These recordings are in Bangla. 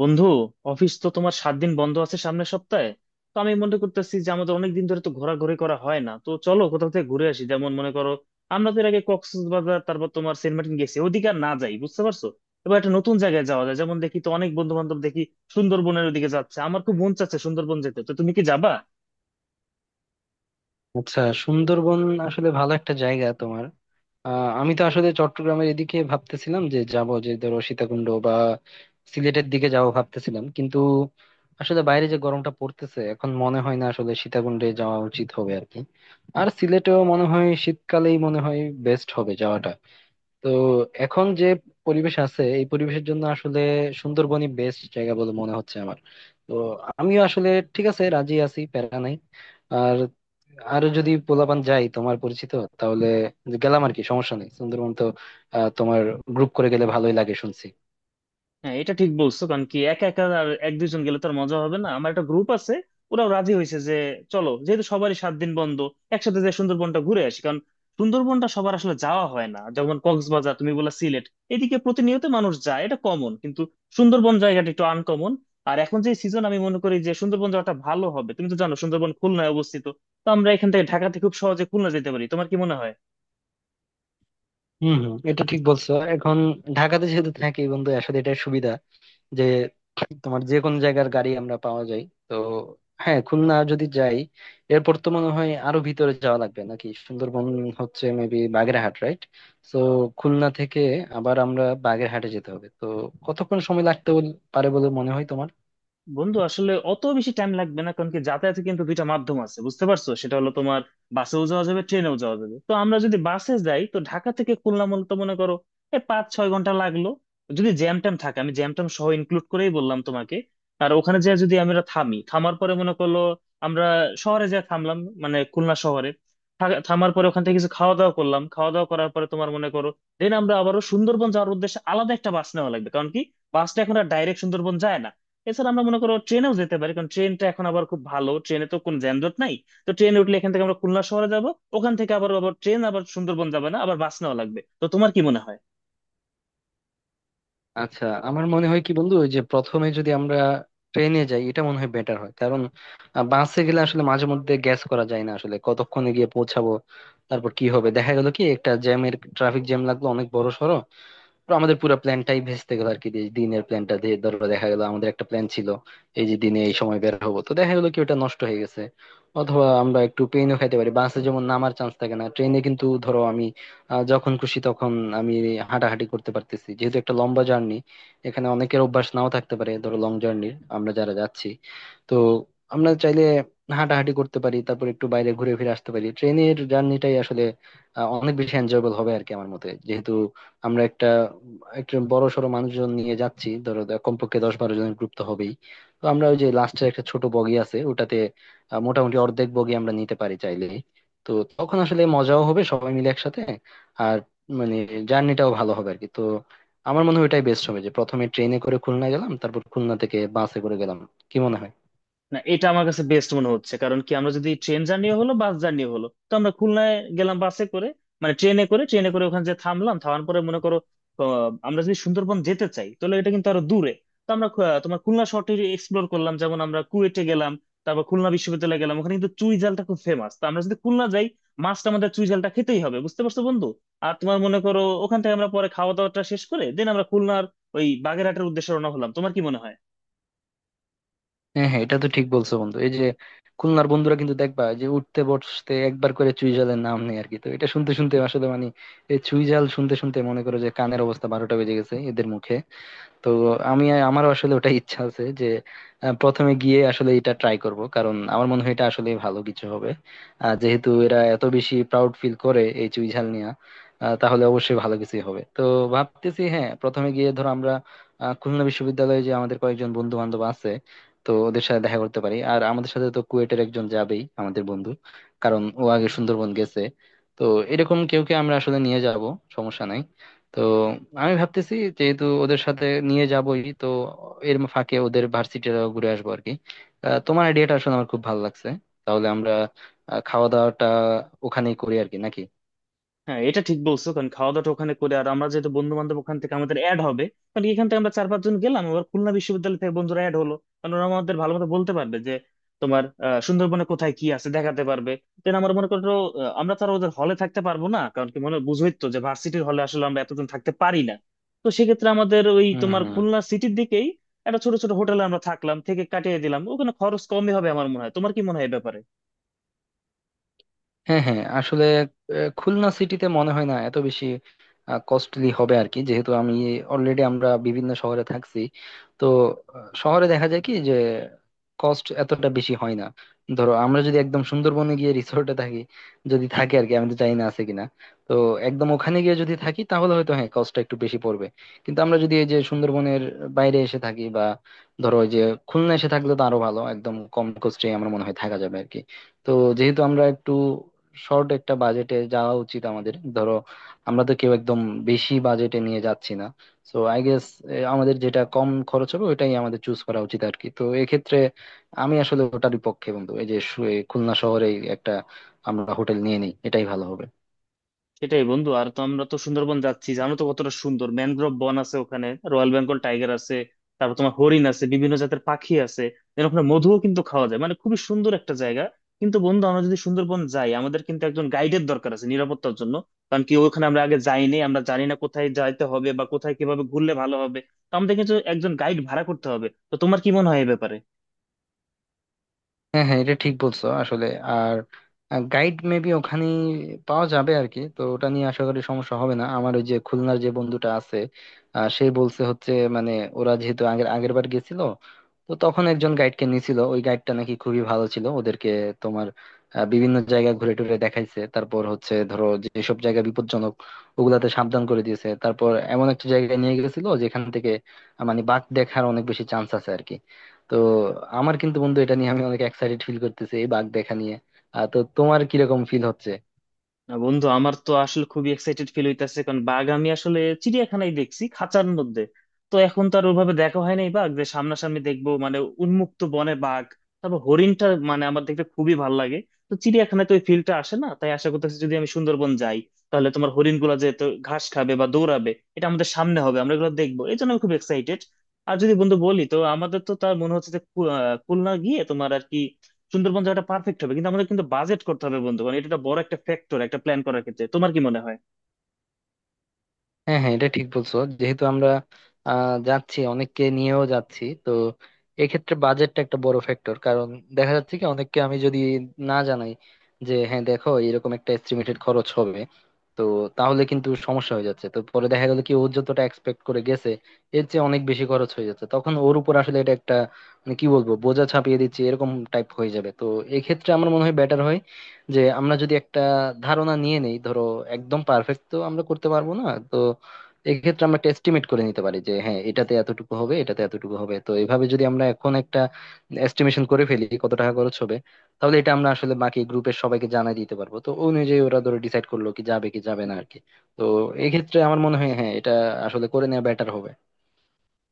বন্ধু, অফিস তো তোমার 7 দিন বন্ধ আছে সামনের সপ্তাহে। তো আমি মনে করতেছি যে আমাদের অনেক দিন ধরে তো ঘোরাঘুরি করা হয় না, তো চলো কোথাও থেকে ঘুরে আসি। যেমন মনে করো, আমরা তো এর আগে কক্সবাজার, তারপর তোমার সেন্ট মার্টিন গেছি, ওদিকে আর না যাই, বুঝতে পারছো। এবার একটা নতুন জায়গায় যাওয়া যায়। যেমন দেখি তো অনেক বন্ধু বান্ধব দেখি সুন্দরবনের ওদিকে যাচ্ছে, আমার খুব মন চাচ্ছে সুন্দরবন যেতে। তো তুমি কি যাবা? আচ্ছা, সুন্দরবন আসলে ভালো একটা জায়গা। তোমার আমি তো আসলে চট্টগ্রামের এদিকে ভাবতেছিলাম, যে যাব, যে ধরো সীতাকুণ্ড বা সিলেটের দিকে যাব ভাবতেছিলাম। কিন্তু আসলে বাইরে যে গরমটা পড়তেছে, এখন মনে হয় না আসলে সীতাকুণ্ডে যাওয়া উচিত হবে আর কি। আর সিলেটেও মনে হয় শীতকালেই মনে হয় বেস্ট হবে যাওয়াটা। তো এখন যে পরিবেশ আছে, এই পরিবেশের জন্য আসলে সুন্দরবনই বেস্ট জায়গা বলে মনে হচ্ছে আমার। তো আমিও আসলে ঠিক আছে, রাজি আছি, প্যারা নাই। আর আরো যদি পোলাপান যাই তোমার পরিচিত, তাহলে গেলাম আর কি, সমস্যা নেই। সুন্দরবন তো তোমার গ্রুপ করে গেলে ভালোই লাগে শুনছি। হ্যাঁ, এটা ঠিক বলছো, কারণ কি একা একা আর 1 2 জন গেলে তো আর মজা হবে না। আমার একটা গ্রুপ আছে, ওরাও রাজি হয়েছে যে চলো, যেহেতু সবারই 7 দিন বন্ধ, একসাথে যে সুন্দরবনটা ঘুরে আসি। কারণ সুন্দরবনটা সবার আসলে যাওয়া হয় না। যেমন কক্সবাজার, তুমি বললা সিলেট, এদিকে প্রতিনিয়ত মানুষ যায়, এটা কমন, কিন্তু সুন্দরবন জায়গাটা একটু আনকমন। আর এখন যে সিজন, আমি মনে করি যে সুন্দরবন যাওয়াটা ভালো হবে। তুমি তো জানো সুন্দরবন খুলনায় অবস্থিত, তো আমরা এখান থেকে, ঢাকা থেকে খুব সহজে খুলনা যেতে পারি। তোমার কি মনে হয়? হম হম, এটা ঠিক বলছো। এখন ঢাকাতে যেহেতু থাকি বন্ধু, আসলে এটা সুবিধা, যে তোমার যে কোন জায়গার গাড়ি আমরা পাওয়া যায়। তো হ্যাঁ, খুলনা যদি যাই, এরপর তো মনে হয় আরো ভিতরে যাওয়া লাগবে নাকি? সুন্দরবন হচ্ছে মেবি বাগেরহাট, রাইট? তো খুলনা থেকে আবার আমরা বাগেরহাটে যেতে হবে, তো কতক্ষণ সময় লাগতে পারে বলে মনে হয় তোমার? বন্ধু, আসলে অত বেশি টাইম লাগবে না, কারণ কি যাতায়াতে কিন্তু দুইটা মাধ্যম আছে, বুঝতে পারছো। সেটা হলো তোমার বাসেও যাওয়া যাবে, ট্রেনেও যাওয়া যাবে। তো আমরা যদি বাসে যাই তো ঢাকা থেকে খুলনা মূলত মনে করো এই 5 6 ঘন্টা লাগলো, যদি জ্যাম ট্যাম থাকে। আমি জ্যাম ট্যাম সহ ইনক্লুড করেই বললাম তোমাকে। আর ওখানে যে, যদি আমরা থামি, থামার পরে মনে করলো আমরা শহরে যা থামলাম, মানে খুলনা শহরে থামার পরে ওখান থেকে কিছু খাওয়া দাওয়া করলাম, খাওয়া দাওয়া করার পরে তোমার মনে করো দেন আমরা আবারও সুন্দরবন যাওয়ার উদ্দেশ্যে আলাদা একটা বাস নেওয়া লাগবে, কারণ কি বাসটা এখন আর ডাইরেক্ট সুন্দরবন যায় না। এছাড়া আমরা মনে করো ট্রেনেও যেতে পারি, কারণ ট্রেনটা এখন আবার খুব ভালো, ট্রেনে তো কোনো যানজট নাই। তো ট্রেনে উঠলে এখান থেকে আমরা খুলনা শহরে যাব, ওখান থেকে আবার, ট্রেন আবার সুন্দরবন যাবে না, আবার বাস নেওয়া লাগবে। তো তোমার কি মনে হয়? আচ্ছা, আমার মনে হয় কি বন্ধু, ওই যে প্রথমে যদি আমরা ট্রেনে যাই, এটা মনে হয় বেটার হয়। কারণ বাসে গেলে আসলে মাঝে মধ্যে গ্যাস করা যায় না আসলে, কতক্ষণে গিয়ে পৌঁছাবো। তারপর কি হবে, দেখা গেল কি একটা জ্যামের ট্রাফিক জ্যাম লাগলো অনেক বড়। তো আমাদের পুরো প্ল্যানটাই ভেস্তে গেল আর কি, যে দিনের প্ল্যানটা, যে ধরো দেখা গেল আমাদের একটা প্ল্যান ছিল এই যে দিনে এই সময় বের হবো, তো দেখা গেলো কি ওটা নষ্ট হয়ে গেছে। অথবা আমরা একটু পেইনও খাইতে পারি বাসে, যেমন নামার চান্স থাকে না। ট্রেনে কিন্তু ধরো আমি যখন খুশি তখন আমি হাঁটাহাঁটি করতে পারতেছি, যেহেতু একটা লম্বা জার্নি। এখানে অনেকের অভ্যাস নাও থাকতে পারে ধরো লং জার্নির, আমরা যারা যাচ্ছি। তো আমরা চাইলে হাঁটাহাঁটি করতে পারি, তারপর একটু বাইরে ঘুরে ফিরে আসতে পারি। ট্রেনের জার্নিটাই আসলে অনেক বেশি এনজয়েবল হবে আর কি, আমার মতে। যেহেতু আমরা একটা একজন বড় সড়ো মানুষজন নিয়ে যাচ্ছি, ধরো কমপক্ষে 10-12 জনের গ্রুপ তো হবেই। তো আমরা ওই যে লাস্টের একটা ছোট বগি আছে, ওটাতে মোটামুটি অর্ধেক বগি আমরা নিতে পারি চাইলে। তো তখন আসলে মজাও হবে সবাই মিলে একসাথে। আর মানে জার্নিটাও ভালো হবে আর কি। তো আমার মনে হয় ওইটাই বেস্ট হবে, যে প্রথমে ট্রেনে করে খুলনা গেলাম, তারপর খুলনা থেকে বাসে করে গেলাম। কি মনে হয়? না, এটা আমার কাছে বেস্ট মনে হচ্ছে, কারণ কি আমরা যদি ট্রেন জার্নি হলো, বাস জার্নি হলো, তো আমরা খুলনায় গেলাম বাসে করে, মানে ট্রেনে করে, ওখানে যে থামলাম, থামার পরে মনে করো, আমরা যদি সুন্দরবন যেতে চাই, তাহলে এটা কিন্তু আরো দূরে। তো আমরা তোমার খুলনা শহরটি এক্সপ্লোর করলাম, যেমন আমরা কুয়েটে গেলাম, তারপর খুলনা বিশ্ববিদ্যালয়ে গেলাম। ওখানে কিন্তু চুই জালটা খুব ফেমাস, তো আমরা যদি খুলনা যাই, মাছটা আমাদের, চুই জালটা খেতেই হবে, বুঝতে পারছো বন্ধু। আর তোমার মনে করো ওখান থেকে আমরা পরে খাওয়া দাওয়াটা শেষ করে দেন আমরা খুলনার ওই বাগেরহাটের উদ্দেশ্যে রওনা হলাম। তোমার কি মনে হয়? হ্যাঁ হ্যাঁ, এটা তো ঠিক বলছো বন্ধু। এই যে খুলনার বন্ধুরা কিন্তু দেখবা যে উঠতে বসতে একবার করে চুইঝালের নাম নেই আর কি। তো এটা শুনতে শুনতে আসলে মানে এই চুইঝাল শুনতে শুনতে মনে করো যে কানের অবস্থা বারোটা বেজে গেছে এদের মুখে। তো আমি আমার আসলে ওটা ইচ্ছা আছে যে প্রথমে গিয়ে আসলে এটা ট্রাই করব, কারণ আমার মনে হয় এটা আসলে ভালো কিছু হবে। যেহেতু এরা এত বেশি প্রাউড ফিল করে এই চুইঝাল নিয়ে, তাহলে অবশ্যই ভালো কিছুই হবে। তো ভাবতেছি, হ্যাঁ, প্রথমে গিয়ে ধরো আমরা খুলনা বিশ্ববিদ্যালয়ে যে আমাদের কয়েকজন বন্ধু বান্ধব আছে, তো ওদের সাথে দেখা করতে পারি। আর আমাদের সাথে তো কুয়েটের একজন যাবেই আমাদের বন্ধু, কারণ ও আগে সুন্দরবন গেছে। তো এরকম কেউ কে আমরা আসলে নিয়ে যাব, সমস্যা নাই। তো আমি ভাবতেছি যেহেতু ওদের সাথে নিয়ে যাবোই, তো এর ফাঁকে ওদের ভার্সিটিটা ঘুরে আসবো আর কি। তোমার আইডিয়াটা আসলে আমার খুব ভালো লাগছে। তাহলে আমরা খাওয়া দাওয়াটা ওখানেই করি আর কি, নাকি? হ্যাঁ, এটা ঠিক বলছো, কারণ খাওয়া দাওয়াটা ওখানে করে, আর আমরা যেহেতু বন্ধু বান্ধব ওখান থেকে আমাদের অ্যাড হবে। কারণ এখান থেকে আমরা 4 5 জন গেলাম, আবার খুলনা বিশ্ববিদ্যালয় থেকে বন্ধুরা অ্যাড হলো, কারণ ওরা আমাদের ভালো মতো বলতে পারবে যে তোমার সুন্দরবনে কোথায় কি আছে দেখাতে পারবে। দেন আমার মনে করো, আমরা তো আর ওদের হলে থাকতে পারবো না, কারণ কি মনে বুঝোই তো যে ভার্সিটির হলে আসলে আমরা এতজন থাকতে পারি না। তো সেক্ষেত্রে আমাদের ওই হুম তোমার হুম। খুলনা সিটির দিকেই একটা ছোট ছোট হোটেলে আমরা থাকলাম, থেকে কাটিয়ে দিলাম, ওখানে খরচ কমই হবে আমার মনে হয়। তোমার কি মনে হয় এ ব্যাপারে? হ্যাঁ হ্যাঁ, আসলে খুলনা সিটিতে মনে হয় না এত বেশি কস্টলি হবে আর কি, যেহেতু আমি অলরেডি আমরা বিভিন্ন শহরে থাকছি। তো শহরে দেখা যায় কি যে কস্ট এতটা বেশি হয় না। ধরো আমরা যদি একদম সুন্দরবনে গিয়ে রিসোর্টে থাকি, যদি থাকি আর কি, আমি তো জানি না আছে কিনা। তো একদম ওখানে গিয়ে যদি থাকি তাহলে হয়তো হ্যাঁ কস্টটা একটু বেশি পড়বে। কিন্তু আমরা যদি এই যে সুন্দরবনের বাইরে এসে থাকি, বা ধরো ওই যে খুলনা এসে থাকলে তো আরো ভালো, একদম কম কস্টে আমার মনে হয় থাকা যাবে আর কি। তো যেহেতু আমরা একটু শর্ট একটা বাজেটে যাওয়া উচিত আমাদের, ধরো আমরা তো কেউ একদম বেশি বাজেটে নিয়ে যাচ্ছি না। সো আই গেস, আমাদের যেটা কম খরচ হবে ওটাই আমাদের চুজ করা উচিত আর কি। তো এক্ষেত্রে আমি আসলে ওটারই পক্ষে বন্ধু। এই যে এই খুলনা শহরে একটা আমরা হোটেল নিয়ে নিই, এটাই ভালো হবে। সেটাই বন্ধু। আর তো আমরা তো সুন্দরবন যাচ্ছি, জানো তো কতটা সুন্দর ম্যানগ্রোভ বন আছে, ওখানে রয়্যাল বেঙ্গল টাইগার আছে, তারপর তোমার হরিণ আছে, বিভিন্ন জাতের পাখি আছে। এর ওখানে মধুও কিন্তু খাওয়া যায়, মানে খুবই সুন্দর একটা জায়গা। কিন্তু বন্ধু, আমরা যদি সুন্দরবন যাই, আমাদের কিন্তু একজন গাইডের দরকার আছে নিরাপত্তার জন্য। কারণ কি ওখানে আমরা আগে যাইনি, আমরা জানি না কোথায় যাইতে হবে বা কোথায় কিভাবে ঘুরলে ভালো হবে। তো আমাদের কিন্তু একজন গাইড ভাড়া করতে হবে। তো তোমার কি মনে হয় এ ব্যাপারে? হ্যাঁ হ্যাঁ, এটা ঠিক বলছো আসলে। আর গাইড মেবি ওখানে পাওয়া যাবে আর কি, তো ওটা নিয়ে আশা করি সমস্যা হবে না। আমার ওই যে খুলনার যে বন্ধুটা আছে, সে বলছে হচ্ছে মানে ওরা যেহেতু আগের আগের বার গেছিল, তো তখন একজন গাইডকে নিয়েছিল। ওই গাইডটা নাকি খুবই ভালো ছিল ওদেরকে। তোমার বিভিন্ন জায়গা ঘুরে টুরে দেখাইছে। তারপর হচ্ছে ধরো যেসব জায়গা বিপজ্জনক, ওগুলাতে সাবধান করে দিয়েছে। তারপর এমন একটা জায়গায় নিয়ে গেছিল যেখান থেকে মানে বাঘ দেখার অনেক বেশি চান্স আছে আর কি। তো আমার কিন্তু বন্ধু এটা নিয়ে আমি অনেক এক্সাইটেড ফিল করতেছি, এই বাঘ দেখা নিয়ে। তো তোমার কিরকম ফিল হচ্ছে? না বন্ধু, আমার তো আসলে খুবই এক্সাইটেড ফিল হইতেছে, কারণ বাঘ আমি আসলে চিড়িয়াখানায় দেখছি খাঁচার মধ্যে। তো এখন তো আর ওভাবে দেখা হয় নাই বাঘ যে সামনাসামনি দেখবো, মানে উন্মুক্ত বনে বাঘ। তারপর হরিণটা মানে আমার দেখতে খুবই ভালো লাগে। তো চিড়িয়াখানায় তো ওই ফিলটা আসে না, তাই আশা করতেছি যদি আমি সুন্দরবন যাই, তাহলে তোমার হরিণ গুলা যেহেতু ঘাস খাবে বা দৌড়াবে, এটা আমাদের সামনে হবে, আমরা এগুলো দেখবো, এই জন্য আমি খুব এক্সাইটেড। আর যদি বন্ধু বলি তো আমাদের তো তার মনে হচ্ছে যে খুলনা গিয়ে তোমার আর কি সুন্দরবন জায়গাটা পারফেক্ট হবে। কিন্তু আমাদের কিন্তু বাজেট করতে হবে বন্ধু, কারণ এটা একটা বড়, একটা ফ্যাক্টর একটা প্ল্যান করার ক্ষেত্রে। তোমার কি মনে হয়? হ্যাঁ হ্যাঁ, এটা ঠিক বলছো। যেহেতু আমরা যাচ্ছি, অনেককে নিয়েও যাচ্ছি, তো এক্ষেত্রে বাজেটটা একটা বড় ফ্যাক্টর। কারণ দেখা যাচ্ছে কি অনেককে আমি যদি না জানাই যে হ্যাঁ দেখো এরকম একটা এস্টিমেটেড খরচ হবে, তো তাহলে কিন্তু সমস্যা হয়ে যাচ্ছে। তো পরে দেখা গেল কি ও যতটা এক্সপেক্ট করে গেছে এর চেয়ে অনেক বেশি খরচ হয়ে যাচ্ছে, তখন ওর উপর আসলে এটা একটা মানে কি বলবো, বোঝা চাপিয়ে দিচ্ছে এরকম টাইপ হয়ে যাবে। তো এক্ষেত্রে আমার মনে হয় বেটার হয় যে আমরা যদি একটা ধারণা নিয়ে নেই। ধরো একদম পারফেক্ট তো আমরা করতে পারবো না, তো এক্ষেত্রে আমরা একটা এস্টিমেট করে নিতে পারি যে হ্যাঁ এটাতে এতটুকু হবে, এটাতে এতটুকু হবে। তো এইভাবে যদি আমরা এখন একটা এস্টিমেশন করে ফেলি কত টাকা খরচ হবে, তাহলে এটা আমরা আসলে বাকি গ্রুপের সবাইকে জানাই দিতে পারবো। তো ওই অনুযায়ী ওরা ধরো ডিসাইড করলো কি যাবে কি যাবে না আর কি। তো এক্ষেত্রে আমার মনে হয় হ্যাঁ এটা আসলে করে নেওয়া বেটার হবে।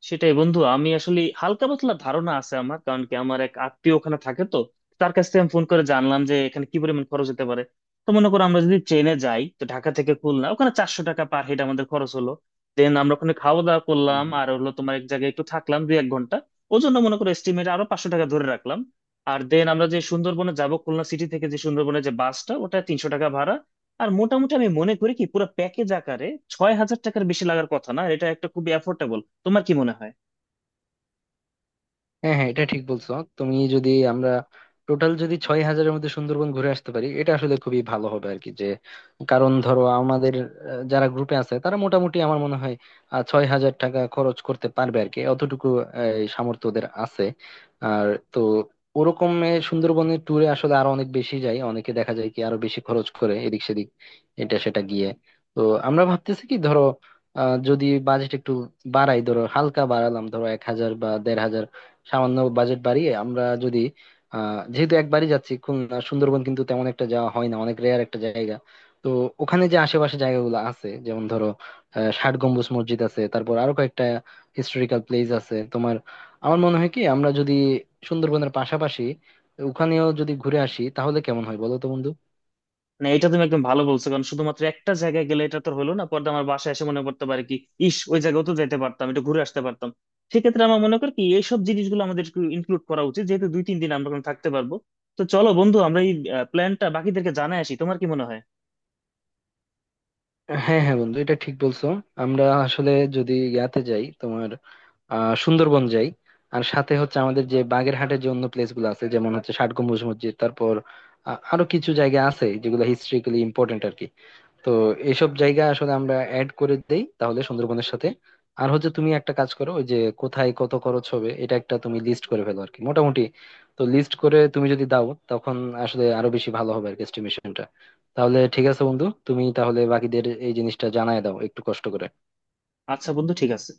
সেটাই বন্ধু, আমি আসলে হালকা পাতলা ধারণা আছে আমার, কারণ কি আমার এক আত্মীয় ওখানে থাকে। তো তার কাছ থেকে আমি ফোন করে জানলাম যে এখানে কি পরিমাণ খরচ হতে পারে। তো মনে করো আমরা যদি ট্রেনে যাই তো ঢাকা থেকে খুলনা ওখানে 400 টাকা পার হেড আমাদের খরচ হলো। দেন আমরা ওখানে খাওয়া দাওয়া করলাম, আর হলো তোমার এক জায়গায় একটু থাকলাম 2 1 ঘন্টা, ওই জন্য মনে করো এস্টিমেট আরো 500 টাকা ধরে রাখলাম। আর দেন আমরা যে সুন্দরবনে যাব খুলনা সিটি থেকে, যে সুন্দরবনে যে বাসটা, ওটা 300 টাকা ভাড়া। আর মোটামুটি আমি মনে করি কি পুরো প্যাকেজ আকারে 6,000 টাকার বেশি লাগার কথা না। আর এটা একটা খুবই অ্যাফোর্ডেবল। তোমার কি মনে হয়? হ্যাঁ হ্যাঁ, এটা ঠিক বলছো। তুমি যদি আমরা টোটাল যদি 6,000-এর মধ্যে সুন্দরবন ঘুরে আসতে পারি, এটা আসলে খুবই ভালো হবে আর কি। যে কারণ ধরো আমাদের যারা গ্রুপে আছে তারা মোটামুটি আমার মনে হয় 6,000 টাকা খরচ করতে পারবে আর কি, অতটুকু এই সামর্থ্য ওদের আছে। আর তো ওরকম সুন্দরবনের ট্যুরে আসলে আরো অনেক বেশি যায়, অনেকে দেখা যায় কি আরো বেশি খরচ করে এদিক সেদিক এটা সেটা গিয়ে। তো আমরা ভাবতেছি কি ধরো যদি বাজেট একটু বাড়াই, ধরো হালকা বাড়ালাম, ধরো 1,000 বা 1,500 সামান্য বাজেট বাড়িয়ে আমরা যদি যেহেতু একবারই যাচ্ছি, খুলনা সুন্দরবন কিন্তু তেমন একটা যাওয়া হয় না, অনেক রেয়ার একটা জায়গা। তো ওখানে যে আশেপাশে জায়গাগুলো আছে, যেমন ধরো ষাট গম্বুজ মসজিদ আছে, তারপর আরো কয়েকটা হিস্টোরিক্যাল প্লেস আছে তোমার। আমার মনে হয় কি আমরা যদি সুন্দরবনের পাশাপাশি ওখানেও যদি ঘুরে আসি তাহলে কেমন হয় বলো তো বন্ধু? মানে এটা তুমি একদম ভালো বলছো, কারণ শুধুমাত্র একটা জায়গায় গেলে এটা তো হলো না, পরে আমার বাসায় এসে মনে করতে পারে কি ইস, ওই জায়গাও তো যেতে পারতাম, একটু ঘুরে আসতে পারতাম। সেক্ষেত্রে আমার মনে করি কি এইসব জিনিসগুলো আমাদের ইনক্লুড করা উচিত, যেহেতু 2 3 দিন আমরা ওখানে থাকতে পারবো। তো চলো বন্ধু, আমরা এই প্ল্যানটা বাকিদেরকে জানাই আসি। তোমার কি মনে হয়? হ্যাঁ হ্যাঁ বন্ধু, এটা ঠিক বলছো। আমরা আসলে যদি ইয়াতে যাই তোমার, সুন্দরবন যাই আর সাথে হচ্ছে আমাদের যে বাগেরহাটের যে অন্য প্লেস গুলো আছে, যেমন হচ্ছে ষাট গম্বুজ মসজিদ, তারপর আরো কিছু জায়গা আছে যেগুলো হিস্ট্রিক্যালি ইম্পর্টেন্ট আর কি। তো এইসব জায়গা আসলে আমরা অ্যাড করে দেই, তাহলে সুন্দরবনের সাথে। আর হচ্ছে তুমি একটা কাজ করো, ওই যে কোথায় কত খরচ হবে, এটা একটা তুমি লিস্ট করে ফেলো আর কি মোটামুটি। তো লিস্ট করে তুমি যদি দাও তখন আসলে আরো বেশি ভালো হবে আর কি এস্টিমেশনটা। তাহলে ঠিক আছে বন্ধু, তুমি তাহলে বাকিদের এই জিনিসটা জানায় দাও একটু কষ্ট করে। আচ্ছা বন্ধু, ঠিক আছে।